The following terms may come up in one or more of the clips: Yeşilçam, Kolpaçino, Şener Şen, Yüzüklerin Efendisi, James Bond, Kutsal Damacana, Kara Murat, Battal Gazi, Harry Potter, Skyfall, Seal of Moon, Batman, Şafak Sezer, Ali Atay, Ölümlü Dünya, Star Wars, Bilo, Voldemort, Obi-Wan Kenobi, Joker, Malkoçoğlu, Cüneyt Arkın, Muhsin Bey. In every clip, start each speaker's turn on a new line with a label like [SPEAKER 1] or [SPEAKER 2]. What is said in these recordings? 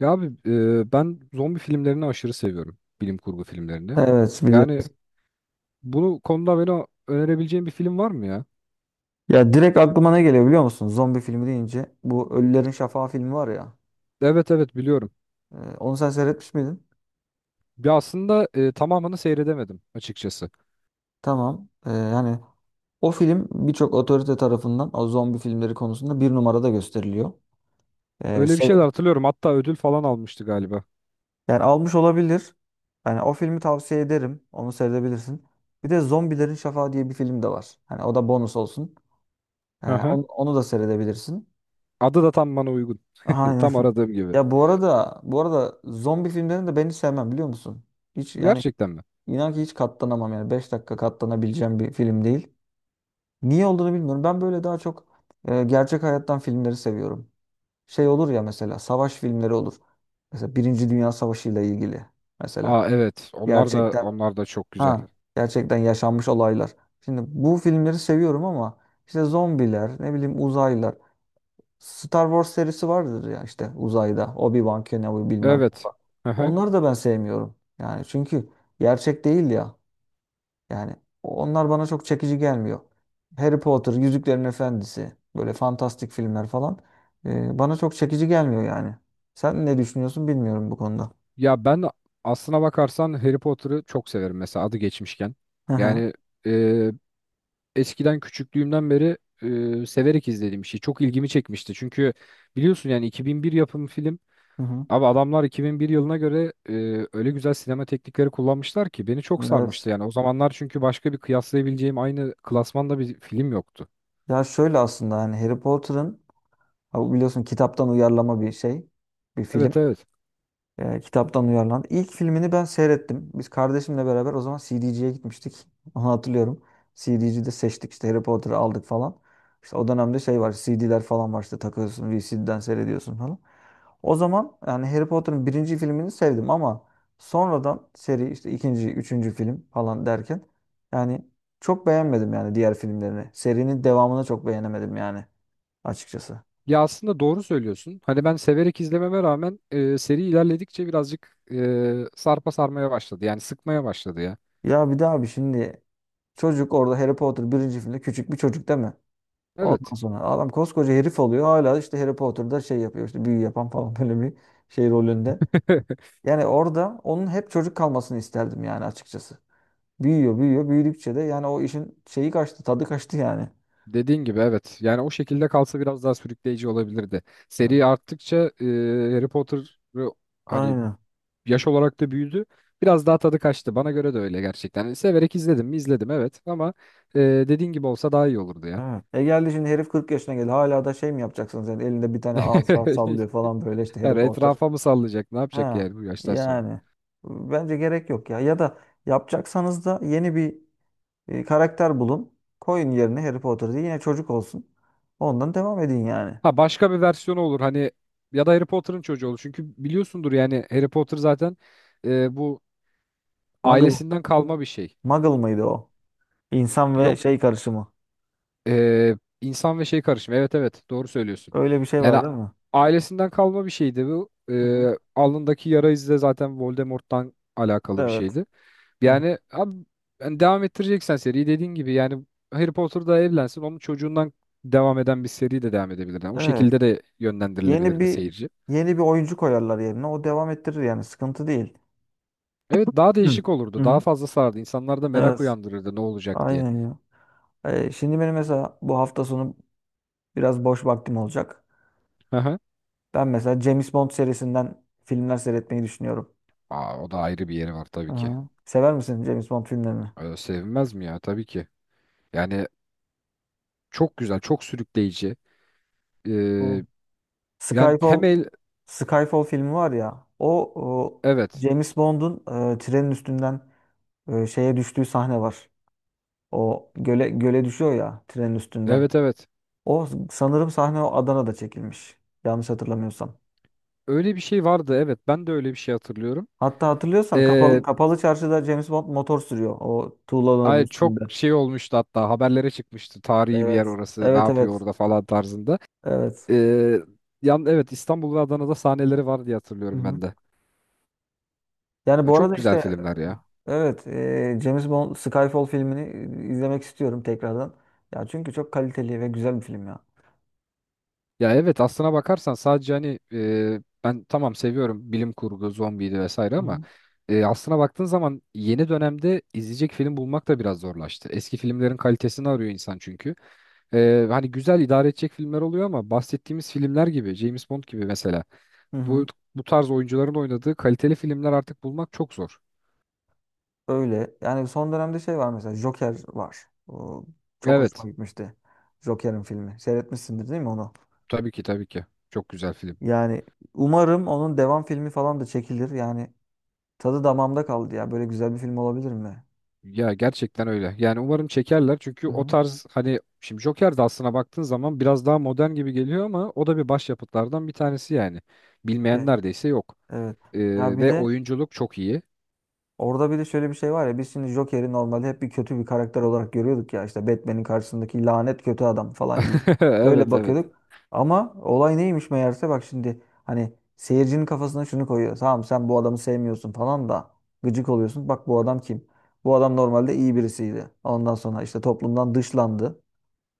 [SPEAKER 1] Ya abi ben zombi filmlerini aşırı seviyorum. Bilim kurgu filmlerini.
[SPEAKER 2] Evet
[SPEAKER 1] Yani
[SPEAKER 2] biliyorum.
[SPEAKER 1] bunu konuda beni önerebileceğin bir film var mı ya?
[SPEAKER 2] Ya direkt aklıma ne geliyor biliyor musun? Zombi filmi deyince. Bu Ölülerin Şafağı filmi var ya.
[SPEAKER 1] Evet, evet, biliyorum.
[SPEAKER 2] Onu sen seyretmiş miydin?
[SPEAKER 1] Ya aslında tamamını seyredemedim açıkçası.
[SPEAKER 2] Tamam. Yani o film birçok otorite tarafından o zombi filmleri konusunda bir numarada gösteriliyor.
[SPEAKER 1] Öyle bir
[SPEAKER 2] Sev
[SPEAKER 1] şeyler hatırlıyorum. Hatta ödül falan almıştı galiba.
[SPEAKER 2] yani almış olabilir. Yani o filmi tavsiye ederim. Onu seyredebilirsin. Bir de Zombilerin Şafağı diye bir film de var. Hani o da bonus olsun. Ee,
[SPEAKER 1] Hı hı.
[SPEAKER 2] onu, onu da seyredebilirsin.
[SPEAKER 1] Adı da tam bana uygun.
[SPEAKER 2] Aynen.
[SPEAKER 1] Tam aradığım gibi.
[SPEAKER 2] Ya bu arada zombi filmlerini de ben hiç sevmem biliyor musun? Hiç yani.
[SPEAKER 1] Gerçekten mi?
[SPEAKER 2] İnan ki hiç katlanamam yani 5 dakika katlanabileceğim bir film değil. Niye olduğunu bilmiyorum. Ben böyle daha çok gerçek hayattan filmleri seviyorum. Şey olur ya mesela savaş filmleri olur. Mesela Birinci Dünya Savaşı ile ilgili mesela
[SPEAKER 1] Aa, evet. Onlar da
[SPEAKER 2] gerçekten
[SPEAKER 1] onlar da çok güzel.
[SPEAKER 2] ha gerçekten yaşanmış olaylar. Şimdi bu filmleri seviyorum ama işte zombiler, ne bileyim uzaylılar. Star Wars serisi vardır ya işte uzayda Obi-Wan Kenobi bilmem ne
[SPEAKER 1] Evet.
[SPEAKER 2] falan.
[SPEAKER 1] Hı hı.
[SPEAKER 2] Onları da ben sevmiyorum. Yani çünkü gerçek değil ya. Yani onlar bana çok çekici gelmiyor. Harry Potter, Yüzüklerin Efendisi, böyle fantastik filmler falan bana çok çekici gelmiyor yani. Sen ne düşünüyorsun bilmiyorum bu konuda.
[SPEAKER 1] Ya ben aslına bakarsan Harry Potter'ı çok severim mesela adı geçmişken.
[SPEAKER 2] Hı hı.
[SPEAKER 1] Yani eskiden küçüklüğümden beri severek izlediğim bir şey. Çok ilgimi çekmişti. Çünkü biliyorsun yani 2001 yapımı film.
[SPEAKER 2] Hı hı.
[SPEAKER 1] Abi adamlar 2001 yılına göre öyle güzel sinema teknikleri kullanmışlar ki beni çok
[SPEAKER 2] Evet.
[SPEAKER 1] sarmıştı yani. O zamanlar çünkü başka bir kıyaslayabileceğim aynı klasmanda bir film yoktu.
[SPEAKER 2] Ya şöyle aslında hani Harry Potter'ın ha biliyorsun kitaptan uyarlama bir şey, bir film.
[SPEAKER 1] Evet, evet.
[SPEAKER 2] Kitaptan uyarlandı. İlk filmini ben seyrettim. Biz kardeşimle beraber o zaman C D C'ye gitmiştik. Onu hatırlıyorum. C D C'de seçtik işte Harry Potter'ı aldık falan. İşte o dönemde şey var C D'ler falan var işte takıyorsun V C D'den seyrediyorsun falan. O zaman yani Harry Potter'ın birinci filmini sevdim ama sonradan seri işte ikinci, üçüncü film falan derken yani çok beğenmedim yani diğer filmlerini. Serinin devamını çok beğenemedim yani açıkçası.
[SPEAKER 1] Ya aslında doğru söylüyorsun. Hani ben severek izlememe rağmen seri ilerledikçe birazcık sarpa sarmaya başladı. Yani sıkmaya başladı ya.
[SPEAKER 2] Ya bir daha abi şimdi çocuk orada Harry Potter birinci filmde küçük bir çocuk değil mi?
[SPEAKER 1] Evet.
[SPEAKER 2] Ondan sonra adam koskoca herif oluyor. Hala işte Harry Potter'da şey yapıyor. İşte büyü yapan falan böyle bir şey rolünde. Yani orada onun hep çocuk kalmasını isterdim yani açıkçası. Büyüyor, büyüyor. Büyüdükçe de yani o işin şeyi kaçtı, tadı kaçtı yani.
[SPEAKER 1] Dediğin gibi, evet. Yani o şekilde kalsa biraz daha sürükleyici olabilirdi.
[SPEAKER 2] Evet.
[SPEAKER 1] Seri arttıkça Harry Potter hani
[SPEAKER 2] Aynen.
[SPEAKER 1] yaş olarak da büyüdü. Biraz daha tadı kaçtı. Bana göre de öyle gerçekten. Yani severek izledim mi izledim, evet, ama dediğin gibi olsa daha iyi olurdu ya.
[SPEAKER 2] Evet. Geldi şimdi herif 40 yaşına geldi. Hala da şey mi yapacaksınız yani elinde bir tane asa sallıyor falan böyle işte Harry
[SPEAKER 1] Yani
[SPEAKER 2] Potter.
[SPEAKER 1] etrafa mı sallayacak? Ne yapacak
[SPEAKER 2] Ha.
[SPEAKER 1] yani bu yaştan sonra?
[SPEAKER 2] Yani bence gerek yok ya. Ya da yapacaksanız da yeni bir karakter bulun. Koyun yerine Harry Potter diye yine çocuk olsun. Ondan devam edin yani.
[SPEAKER 1] Ha, başka bir versiyonu olur hani ya da Harry Potter'ın çocuğu olur. Çünkü biliyorsundur yani Harry Potter zaten bu
[SPEAKER 2] Muggle,
[SPEAKER 1] ailesinden kalma bir şey.
[SPEAKER 2] Muggle mıydı o? İnsan ve
[SPEAKER 1] Yok.
[SPEAKER 2] şey karışımı.
[SPEAKER 1] Ee, insan ve şey karışımı. Evet, evet, doğru söylüyorsun.
[SPEAKER 2] Öyle bir şey
[SPEAKER 1] Yani
[SPEAKER 2] var değil mi?
[SPEAKER 1] ailesinden kalma bir şeydi bu.
[SPEAKER 2] Hı
[SPEAKER 1] Ee,
[SPEAKER 2] hı.
[SPEAKER 1] alnındaki yara izi de zaten Voldemort'tan alakalı bir
[SPEAKER 2] Evet.
[SPEAKER 1] şeydi.
[SPEAKER 2] Hı hı.
[SPEAKER 1] Yani abi yani devam ettireceksen seriyi dediğin gibi yani Harry Potter da evlensin onun çocuğundan devam eden bir seri de devam edebilir. Yani o
[SPEAKER 2] Evet.
[SPEAKER 1] şekilde de
[SPEAKER 2] Yeni
[SPEAKER 1] yönlendirilebilirdi
[SPEAKER 2] bir
[SPEAKER 1] seyirci.
[SPEAKER 2] yeni bir oyuncu koyarlar yerine. O devam ettirir yani sıkıntı değil.
[SPEAKER 1] Evet, daha
[SPEAKER 2] Hı.
[SPEAKER 1] değişik
[SPEAKER 2] Hı
[SPEAKER 1] olurdu. Daha
[SPEAKER 2] hı.
[SPEAKER 1] fazla sardı. İnsanlarda merak
[SPEAKER 2] Evet.
[SPEAKER 1] uyandırırdı ne olacak diye.
[SPEAKER 2] Aynen ya. Şimdi benim mesela bu hafta sonu biraz boş vaktim olacak.
[SPEAKER 1] Hı hı.
[SPEAKER 2] Ben mesela James Bond serisinden filmler seyretmeyi düşünüyorum.
[SPEAKER 1] Aa, o da ayrı bir yeri var tabii ki.
[SPEAKER 2] Hı. Sever misin James Bond filmlerini?
[SPEAKER 1] Sevinmez mi ya? Tabii ki. Yani çok güzel, çok sürükleyici.
[SPEAKER 2] Bu.
[SPEAKER 1] Ee, yani
[SPEAKER 2] Skyfall
[SPEAKER 1] hem el,
[SPEAKER 2] Skyfall filmi var ya o, o
[SPEAKER 1] evet,
[SPEAKER 2] James Bond'un trenin üstünden şeye düştüğü sahne var. O göle düşüyor ya trenin üstünden.
[SPEAKER 1] evet, evet.
[SPEAKER 2] O sanırım sahne o Adana'da çekilmiş. Yanlış hatırlamıyorsam.
[SPEAKER 1] Öyle bir şey vardı, evet. Ben de öyle bir şey hatırlıyorum.
[SPEAKER 2] Hatta hatırlıyorsan
[SPEAKER 1] Ee,
[SPEAKER 2] kapalı çarşıda James Bond motor sürüyor o tuğlaların
[SPEAKER 1] ay çok
[SPEAKER 2] üstünde.
[SPEAKER 1] şey olmuştu hatta haberlere çıkmıştı. Tarihi bir
[SPEAKER 2] Evet.
[SPEAKER 1] yer orası, ne
[SPEAKER 2] Evet
[SPEAKER 1] yapıyor
[SPEAKER 2] evet.
[SPEAKER 1] orada falan tarzında.
[SPEAKER 2] Evet.
[SPEAKER 1] Ee, evet, İstanbul ve Adana'da sahneleri var diye
[SPEAKER 2] Hı
[SPEAKER 1] hatırlıyorum ben
[SPEAKER 2] hı.
[SPEAKER 1] de.
[SPEAKER 2] Yani
[SPEAKER 1] Ya,
[SPEAKER 2] bu
[SPEAKER 1] çok
[SPEAKER 2] arada
[SPEAKER 1] güzel
[SPEAKER 2] işte
[SPEAKER 1] filmler ya.
[SPEAKER 2] evet, James Bond Skyfall filmini izlemek istiyorum tekrardan. Ya çünkü çok kaliteli ve güzel bir film ya.
[SPEAKER 1] Ya, evet, aslına bakarsan sadece hani ben tamam seviyorum bilim kurgu, zombiydi vesaire
[SPEAKER 2] Hı
[SPEAKER 1] ama
[SPEAKER 2] hı.
[SPEAKER 1] aslına baktığın zaman yeni dönemde izleyecek film bulmak da biraz zorlaştı. Eski filmlerin kalitesini arıyor insan çünkü. Hani güzel idare edecek filmler oluyor ama bahsettiğimiz filmler gibi, James Bond gibi mesela
[SPEAKER 2] Hı hı.
[SPEAKER 1] bu bu tarz oyuncuların oynadığı kaliteli filmler artık bulmak çok zor.
[SPEAKER 2] Öyle. Yani son dönemde şey var mesela Joker var. O çok
[SPEAKER 1] Evet,
[SPEAKER 2] hoşuma gitmişti. Joker'in filmi. Seyretmişsindir değil mi onu?
[SPEAKER 1] tabii ki, tabii ki. Çok güzel film.
[SPEAKER 2] Yani umarım onun devam filmi falan da çekilir. Yani tadı damağımda kaldı ya. Böyle güzel bir film olabilir mi?
[SPEAKER 1] Ya gerçekten öyle. Yani umarım çekerler. Çünkü
[SPEAKER 2] hı
[SPEAKER 1] o
[SPEAKER 2] hı.
[SPEAKER 1] tarz hani şimdi Joker de aslına baktığın zaman biraz daha modern gibi geliyor ama o da bir başyapıtlardan bir tanesi yani. Bilmeyen
[SPEAKER 2] Evet.
[SPEAKER 1] neredeyse yok.
[SPEAKER 2] Evet.
[SPEAKER 1] Ee,
[SPEAKER 2] Ya bir
[SPEAKER 1] ve
[SPEAKER 2] de
[SPEAKER 1] oyunculuk çok iyi.
[SPEAKER 2] Orada bir de şöyle bir şey var ya biz şimdi Joker'i normalde hep bir kötü bir karakter olarak görüyorduk ya işte Batman'in karşısındaki lanet kötü adam falan gibi. Öyle
[SPEAKER 1] Evet, evet.
[SPEAKER 2] bakıyorduk. Ama olay neymiş meğerse bak şimdi hani seyircinin kafasına şunu koyuyor. Tamam sen bu adamı sevmiyorsun falan da gıcık oluyorsun. Bak bu adam kim? Bu adam normalde iyi birisiydi. Ondan sonra işte toplumdan dışlandı.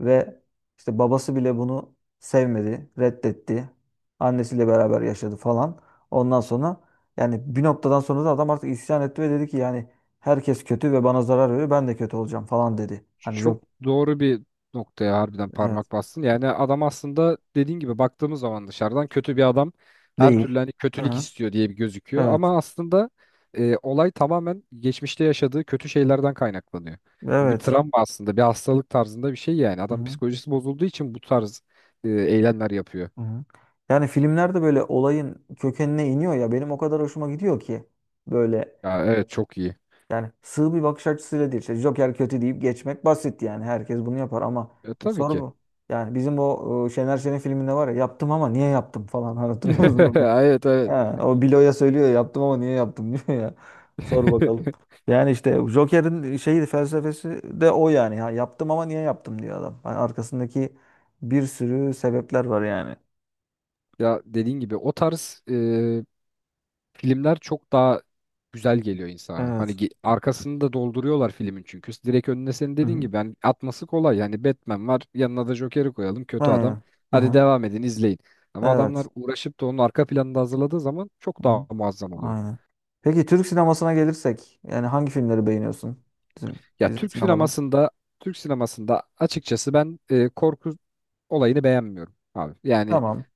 [SPEAKER 2] Ve işte babası bile bunu sevmedi, reddetti. Annesiyle beraber yaşadı falan. Ondan sonra yani bir noktadan sonra da adam artık isyan etti ve dedi ki yani herkes kötü ve bana zarar veriyor. Ben de kötü olacağım falan dedi. Hani
[SPEAKER 1] Çok
[SPEAKER 2] çok.
[SPEAKER 1] doğru bir noktaya harbiden
[SPEAKER 2] Evet,
[SPEAKER 1] parmak bastın. Yani adam aslında dediğin gibi baktığımız zaman dışarıdan kötü bir adam her
[SPEAKER 2] değil.
[SPEAKER 1] türlü hani
[SPEAKER 2] Hı
[SPEAKER 1] kötülük
[SPEAKER 2] hı.
[SPEAKER 1] istiyor diye bir gözüküyor.
[SPEAKER 2] Evet.
[SPEAKER 1] Ama aslında olay tamamen geçmişte yaşadığı kötü şeylerden kaynaklanıyor. Bu bir, evet,
[SPEAKER 2] Evet.
[SPEAKER 1] travma aslında bir hastalık tarzında bir şey yani.
[SPEAKER 2] Hı
[SPEAKER 1] Adam
[SPEAKER 2] hı.
[SPEAKER 1] psikolojisi bozulduğu için bu tarz eylemler yapıyor.
[SPEAKER 2] Hı hı. Yani filmlerde böyle olayın kökenine iniyor ya benim o kadar hoşuma gidiyor ki böyle.
[SPEAKER 1] Ya, evet, evet, çok iyi.
[SPEAKER 2] Yani sığ bir bakış açısıyla değil. İşte Joker kötü deyip geçmek basit yani. Herkes bunu yapar ama
[SPEAKER 1] E,
[SPEAKER 2] bir
[SPEAKER 1] tabii
[SPEAKER 2] soru
[SPEAKER 1] ki.
[SPEAKER 2] bu. Yani bizim o Şener Şen'in filminde var ya yaptım ama niye yaptım falan. Hani hatırlıyor musun onu?
[SPEAKER 1] Evet, evet.
[SPEAKER 2] Ha, o Bilo'ya söylüyor ya, yaptım ama niye yaptım diyor ya. Sor bakalım. Yani işte Joker'in şeyi felsefesi de o yani. Ha, yaptım ama niye yaptım diyor adam. Hani arkasındaki bir sürü sebepler var yani.
[SPEAKER 1] Ya dediğin gibi o tarz filmler çok daha güzel geliyor insana. Hani
[SPEAKER 2] Evet.
[SPEAKER 1] arkasını da dolduruyorlar filmin çünkü. Direkt önüne senin
[SPEAKER 2] Hı
[SPEAKER 1] dediğin
[SPEAKER 2] hı.
[SPEAKER 1] gibi yani atması kolay. Yani Batman var yanına da Joker'i koyalım kötü adam.
[SPEAKER 2] Aynen.
[SPEAKER 1] Hadi
[SPEAKER 2] Aha.
[SPEAKER 1] devam edin izleyin. Ama adamlar
[SPEAKER 2] Evet.
[SPEAKER 1] uğraşıp da onun arka planını da hazırladığı zaman çok daha
[SPEAKER 2] Hı.
[SPEAKER 1] muazzam oluyor.
[SPEAKER 2] Aynen. Peki Türk sinemasına gelirsek yani hangi filmleri beğeniyorsun bizim
[SPEAKER 1] Ya
[SPEAKER 2] bizim
[SPEAKER 1] Türk
[SPEAKER 2] sinemadan?
[SPEAKER 1] sinemasında açıkçası ben korku olayını beğenmiyorum abi. Yani
[SPEAKER 2] Tamam.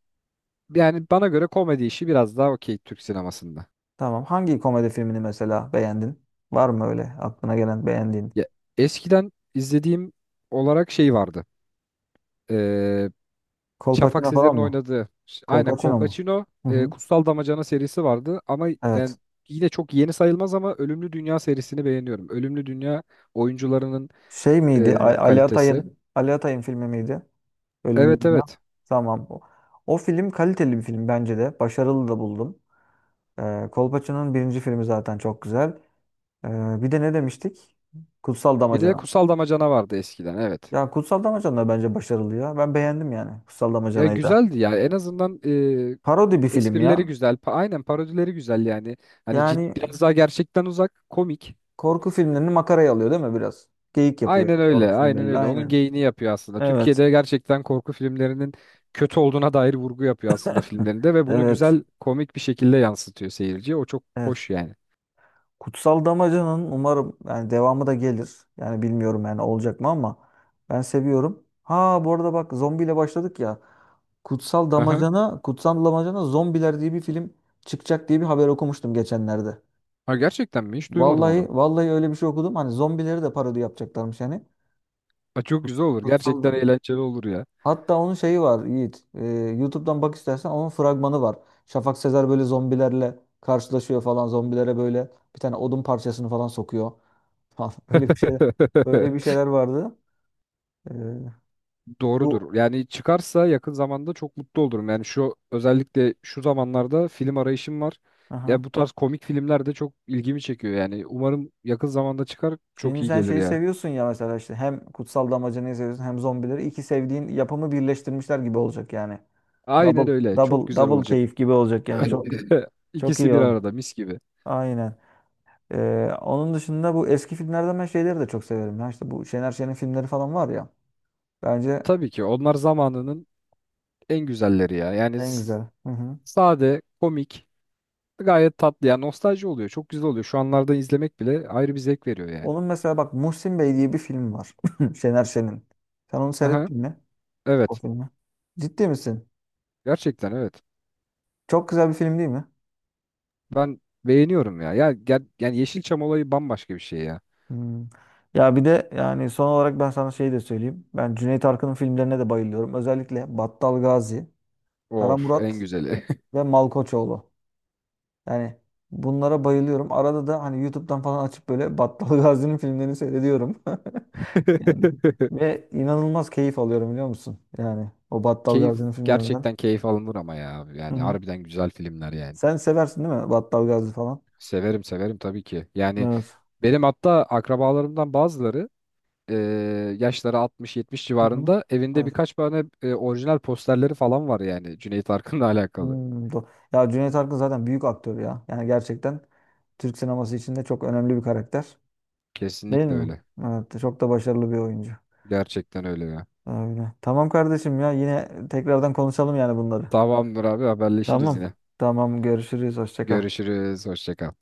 [SPEAKER 1] yani bana göre komedi işi biraz daha okey Türk sinemasında.
[SPEAKER 2] Tamam. Hangi komedi filmini mesela beğendin? Var mı öyle aklına gelen beğendiğin?
[SPEAKER 1] Ya, eskiden izlediğim olarak şey vardı. E, Şafak
[SPEAKER 2] Kolpaçino falan
[SPEAKER 1] Sezer'in
[SPEAKER 2] mı?
[SPEAKER 1] oynadığı aynen
[SPEAKER 2] Kolpaçino mu?
[SPEAKER 1] Kolpaçino,
[SPEAKER 2] Hı hı.
[SPEAKER 1] Kutsal Damacana serisi vardı ama yani
[SPEAKER 2] Evet.
[SPEAKER 1] yine çok yeni sayılmaz ama Ölümlü Dünya serisini beğeniyorum. Ölümlü Dünya oyuncularının
[SPEAKER 2] Şey
[SPEAKER 1] e,
[SPEAKER 2] miydi? A- Ali
[SPEAKER 1] kalitesi.
[SPEAKER 2] Atay'ın Ali Atay'ın filmi miydi? Ölümlü
[SPEAKER 1] Evet,
[SPEAKER 2] Dünya.
[SPEAKER 1] evet.
[SPEAKER 2] Tamam. O film kaliteli bir film bence de. Başarılı da buldum. Kolpaçino'nun birinci filmi zaten çok güzel. Ee, bir de ne demiştik? Kutsal
[SPEAKER 1] Bir de
[SPEAKER 2] Damacana.
[SPEAKER 1] Kutsal Damacana vardı eskiden, evet.
[SPEAKER 2] Ya Kutsal Damacana da bence başarılı ya. Ben beğendim yani Kutsal
[SPEAKER 1] Ya,
[SPEAKER 2] Damacana'yı da.
[SPEAKER 1] güzeldi ya, en azından
[SPEAKER 2] Parodi bir film
[SPEAKER 1] esprileri
[SPEAKER 2] ya.
[SPEAKER 1] güzel. Aynen parodileri güzel yani. Hani
[SPEAKER 2] Yani
[SPEAKER 1] biraz daha gerçekten uzak, komik.
[SPEAKER 2] korku filmlerini makaraya alıyor değil mi biraz? Geyik yapıyor
[SPEAKER 1] Aynen öyle,
[SPEAKER 2] korku
[SPEAKER 1] aynen
[SPEAKER 2] filmleriyle
[SPEAKER 1] öyle. Onun
[SPEAKER 2] aynen.
[SPEAKER 1] geyini yapıyor aslında.
[SPEAKER 2] Evet.
[SPEAKER 1] Türkiye'de gerçekten korku filmlerinin kötü olduğuna dair vurgu yapıyor aslında filmlerinde ve bunu
[SPEAKER 2] Evet.
[SPEAKER 1] güzel, komik bir şekilde yansıtıyor seyirciye. O çok
[SPEAKER 2] Evet.
[SPEAKER 1] hoş yani.
[SPEAKER 2] Kutsal Damacana'nın umarım yani devamı da gelir. Yani bilmiyorum yani olacak mı ama ben seviyorum. Ha, bu arada bak zombiyle başladık ya. Kutsal
[SPEAKER 1] Aha.
[SPEAKER 2] Damacana, Kutsal Damacana Zombiler diye bir film çıkacak diye bir haber okumuştum geçenlerde.
[SPEAKER 1] Ha, gerçekten mi? Hiç duymadım
[SPEAKER 2] Vallahi
[SPEAKER 1] onu.
[SPEAKER 2] vallahi öyle bir şey okudum. Hani zombileri de parodi yapacaklarmış yani.
[SPEAKER 1] Ha, çok güzel olur. Gerçekten
[SPEAKER 2] Kutsal.
[SPEAKER 1] eğlenceli olur ya.
[SPEAKER 2] Hatta onun şeyi var Yiğit. YouTube'dan bak istersen onun fragmanı var. Şafak Sezer böyle zombilerle karşılaşıyor falan. Zombilere böyle bir tane odun parçasını falan sokuyor. Falan. Öyle bir şeyler. Böyle bir şeyler vardı. Ee, bu
[SPEAKER 1] Doğrudur. Yani çıkarsa yakın zamanda çok mutlu olurum. Yani özellikle şu zamanlarda film arayışım var.
[SPEAKER 2] aha.
[SPEAKER 1] Ya bu tarz komik filmler de çok ilgimi çekiyor yani. Umarım yakın zamanda çıkar, çok
[SPEAKER 2] Şimdi
[SPEAKER 1] iyi
[SPEAKER 2] sen
[SPEAKER 1] gelir
[SPEAKER 2] şeyi
[SPEAKER 1] ya.
[SPEAKER 2] seviyorsun ya mesela işte hem kutsal damacanayı seviyorsun hem zombileri. İki sevdiğin yapımı birleştirmişler gibi olacak yani.
[SPEAKER 1] Aynen
[SPEAKER 2] Double
[SPEAKER 1] öyle. Çok
[SPEAKER 2] double
[SPEAKER 1] güzel
[SPEAKER 2] double
[SPEAKER 1] olacak.
[SPEAKER 2] keyif gibi olacak yani. Çok çok
[SPEAKER 1] İkisi
[SPEAKER 2] iyi
[SPEAKER 1] bir
[SPEAKER 2] oldu.
[SPEAKER 1] arada mis gibi.
[SPEAKER 2] Aynen. Onun dışında bu eski filmlerden ben şeyleri de çok severim. Ya işte bu Şener Şen'in filmleri falan var ya. Bence
[SPEAKER 1] Tabii ki onlar zamanının en güzelleri ya. Yani
[SPEAKER 2] en güzel. Hı hı.
[SPEAKER 1] sade, komik, gayet tatlı. Yani nostalji oluyor. Çok güzel oluyor. Şu anlarda izlemek bile ayrı bir zevk veriyor yani.
[SPEAKER 2] Onun mesela bak Muhsin Bey diye bir film var. Şener Şen'in. Sen onu
[SPEAKER 1] Aha,
[SPEAKER 2] seyrettin mi? O
[SPEAKER 1] evet.
[SPEAKER 2] filmi. Ciddi misin?
[SPEAKER 1] Gerçekten, evet.
[SPEAKER 2] Çok güzel bir film değil mi?
[SPEAKER 1] Ben beğeniyorum ya. Ya yani Yeşilçam olayı bambaşka bir şey ya.
[SPEAKER 2] Hmm. Ya bir de yani son olarak ben sana şey de söyleyeyim. Ben Cüneyt Arkın'ın filmlerine de bayılıyorum. Özellikle Battal Gazi, Kara
[SPEAKER 1] Of, en
[SPEAKER 2] Murat
[SPEAKER 1] güzeli.
[SPEAKER 2] ve Malkoçoğlu. Yani bunlara bayılıyorum. Arada da hani YouTube'dan falan açıp böyle Battal Gazi'nin filmlerini seyrediyorum. Yani ve inanılmaz keyif alıyorum biliyor musun? Yani o Battal
[SPEAKER 1] Keyif,
[SPEAKER 2] Gazi'nin filmlerinden.
[SPEAKER 1] gerçekten keyif alınır ama ya.
[SPEAKER 2] Hı
[SPEAKER 1] Yani
[SPEAKER 2] hı.
[SPEAKER 1] harbiden güzel filmler yani.
[SPEAKER 2] Sen seversin değil mi Battal Gazi falan?
[SPEAKER 1] Severim, severim tabii ki. Yani
[SPEAKER 2] Evet.
[SPEAKER 1] benim hatta akrabalarımdan bazıları e, yaşları 60, 70
[SPEAKER 2] Hı hı.
[SPEAKER 1] civarında evinde
[SPEAKER 2] Evet.
[SPEAKER 1] birkaç tane orijinal posterleri falan var yani Cüneyt Arkın'la alakalı.
[SPEAKER 2] Hmm, do- ya Cüneyt Arkın zaten büyük aktör ya. Yani gerçekten Türk sineması içinde çok önemli bir karakter. Değil
[SPEAKER 1] Kesinlikle
[SPEAKER 2] mi?
[SPEAKER 1] öyle.
[SPEAKER 2] Evet, çok da başarılı bir oyuncu.
[SPEAKER 1] Gerçekten öyle ya.
[SPEAKER 2] Öyle. Tamam kardeşim ya yine tekrardan konuşalım yani bunları.
[SPEAKER 1] Tamamdır abi haberleşiriz
[SPEAKER 2] Tamam.
[SPEAKER 1] yine.
[SPEAKER 2] Tamam görüşürüz. Hoşça kal.
[SPEAKER 1] Görüşürüz. Hoşça kal.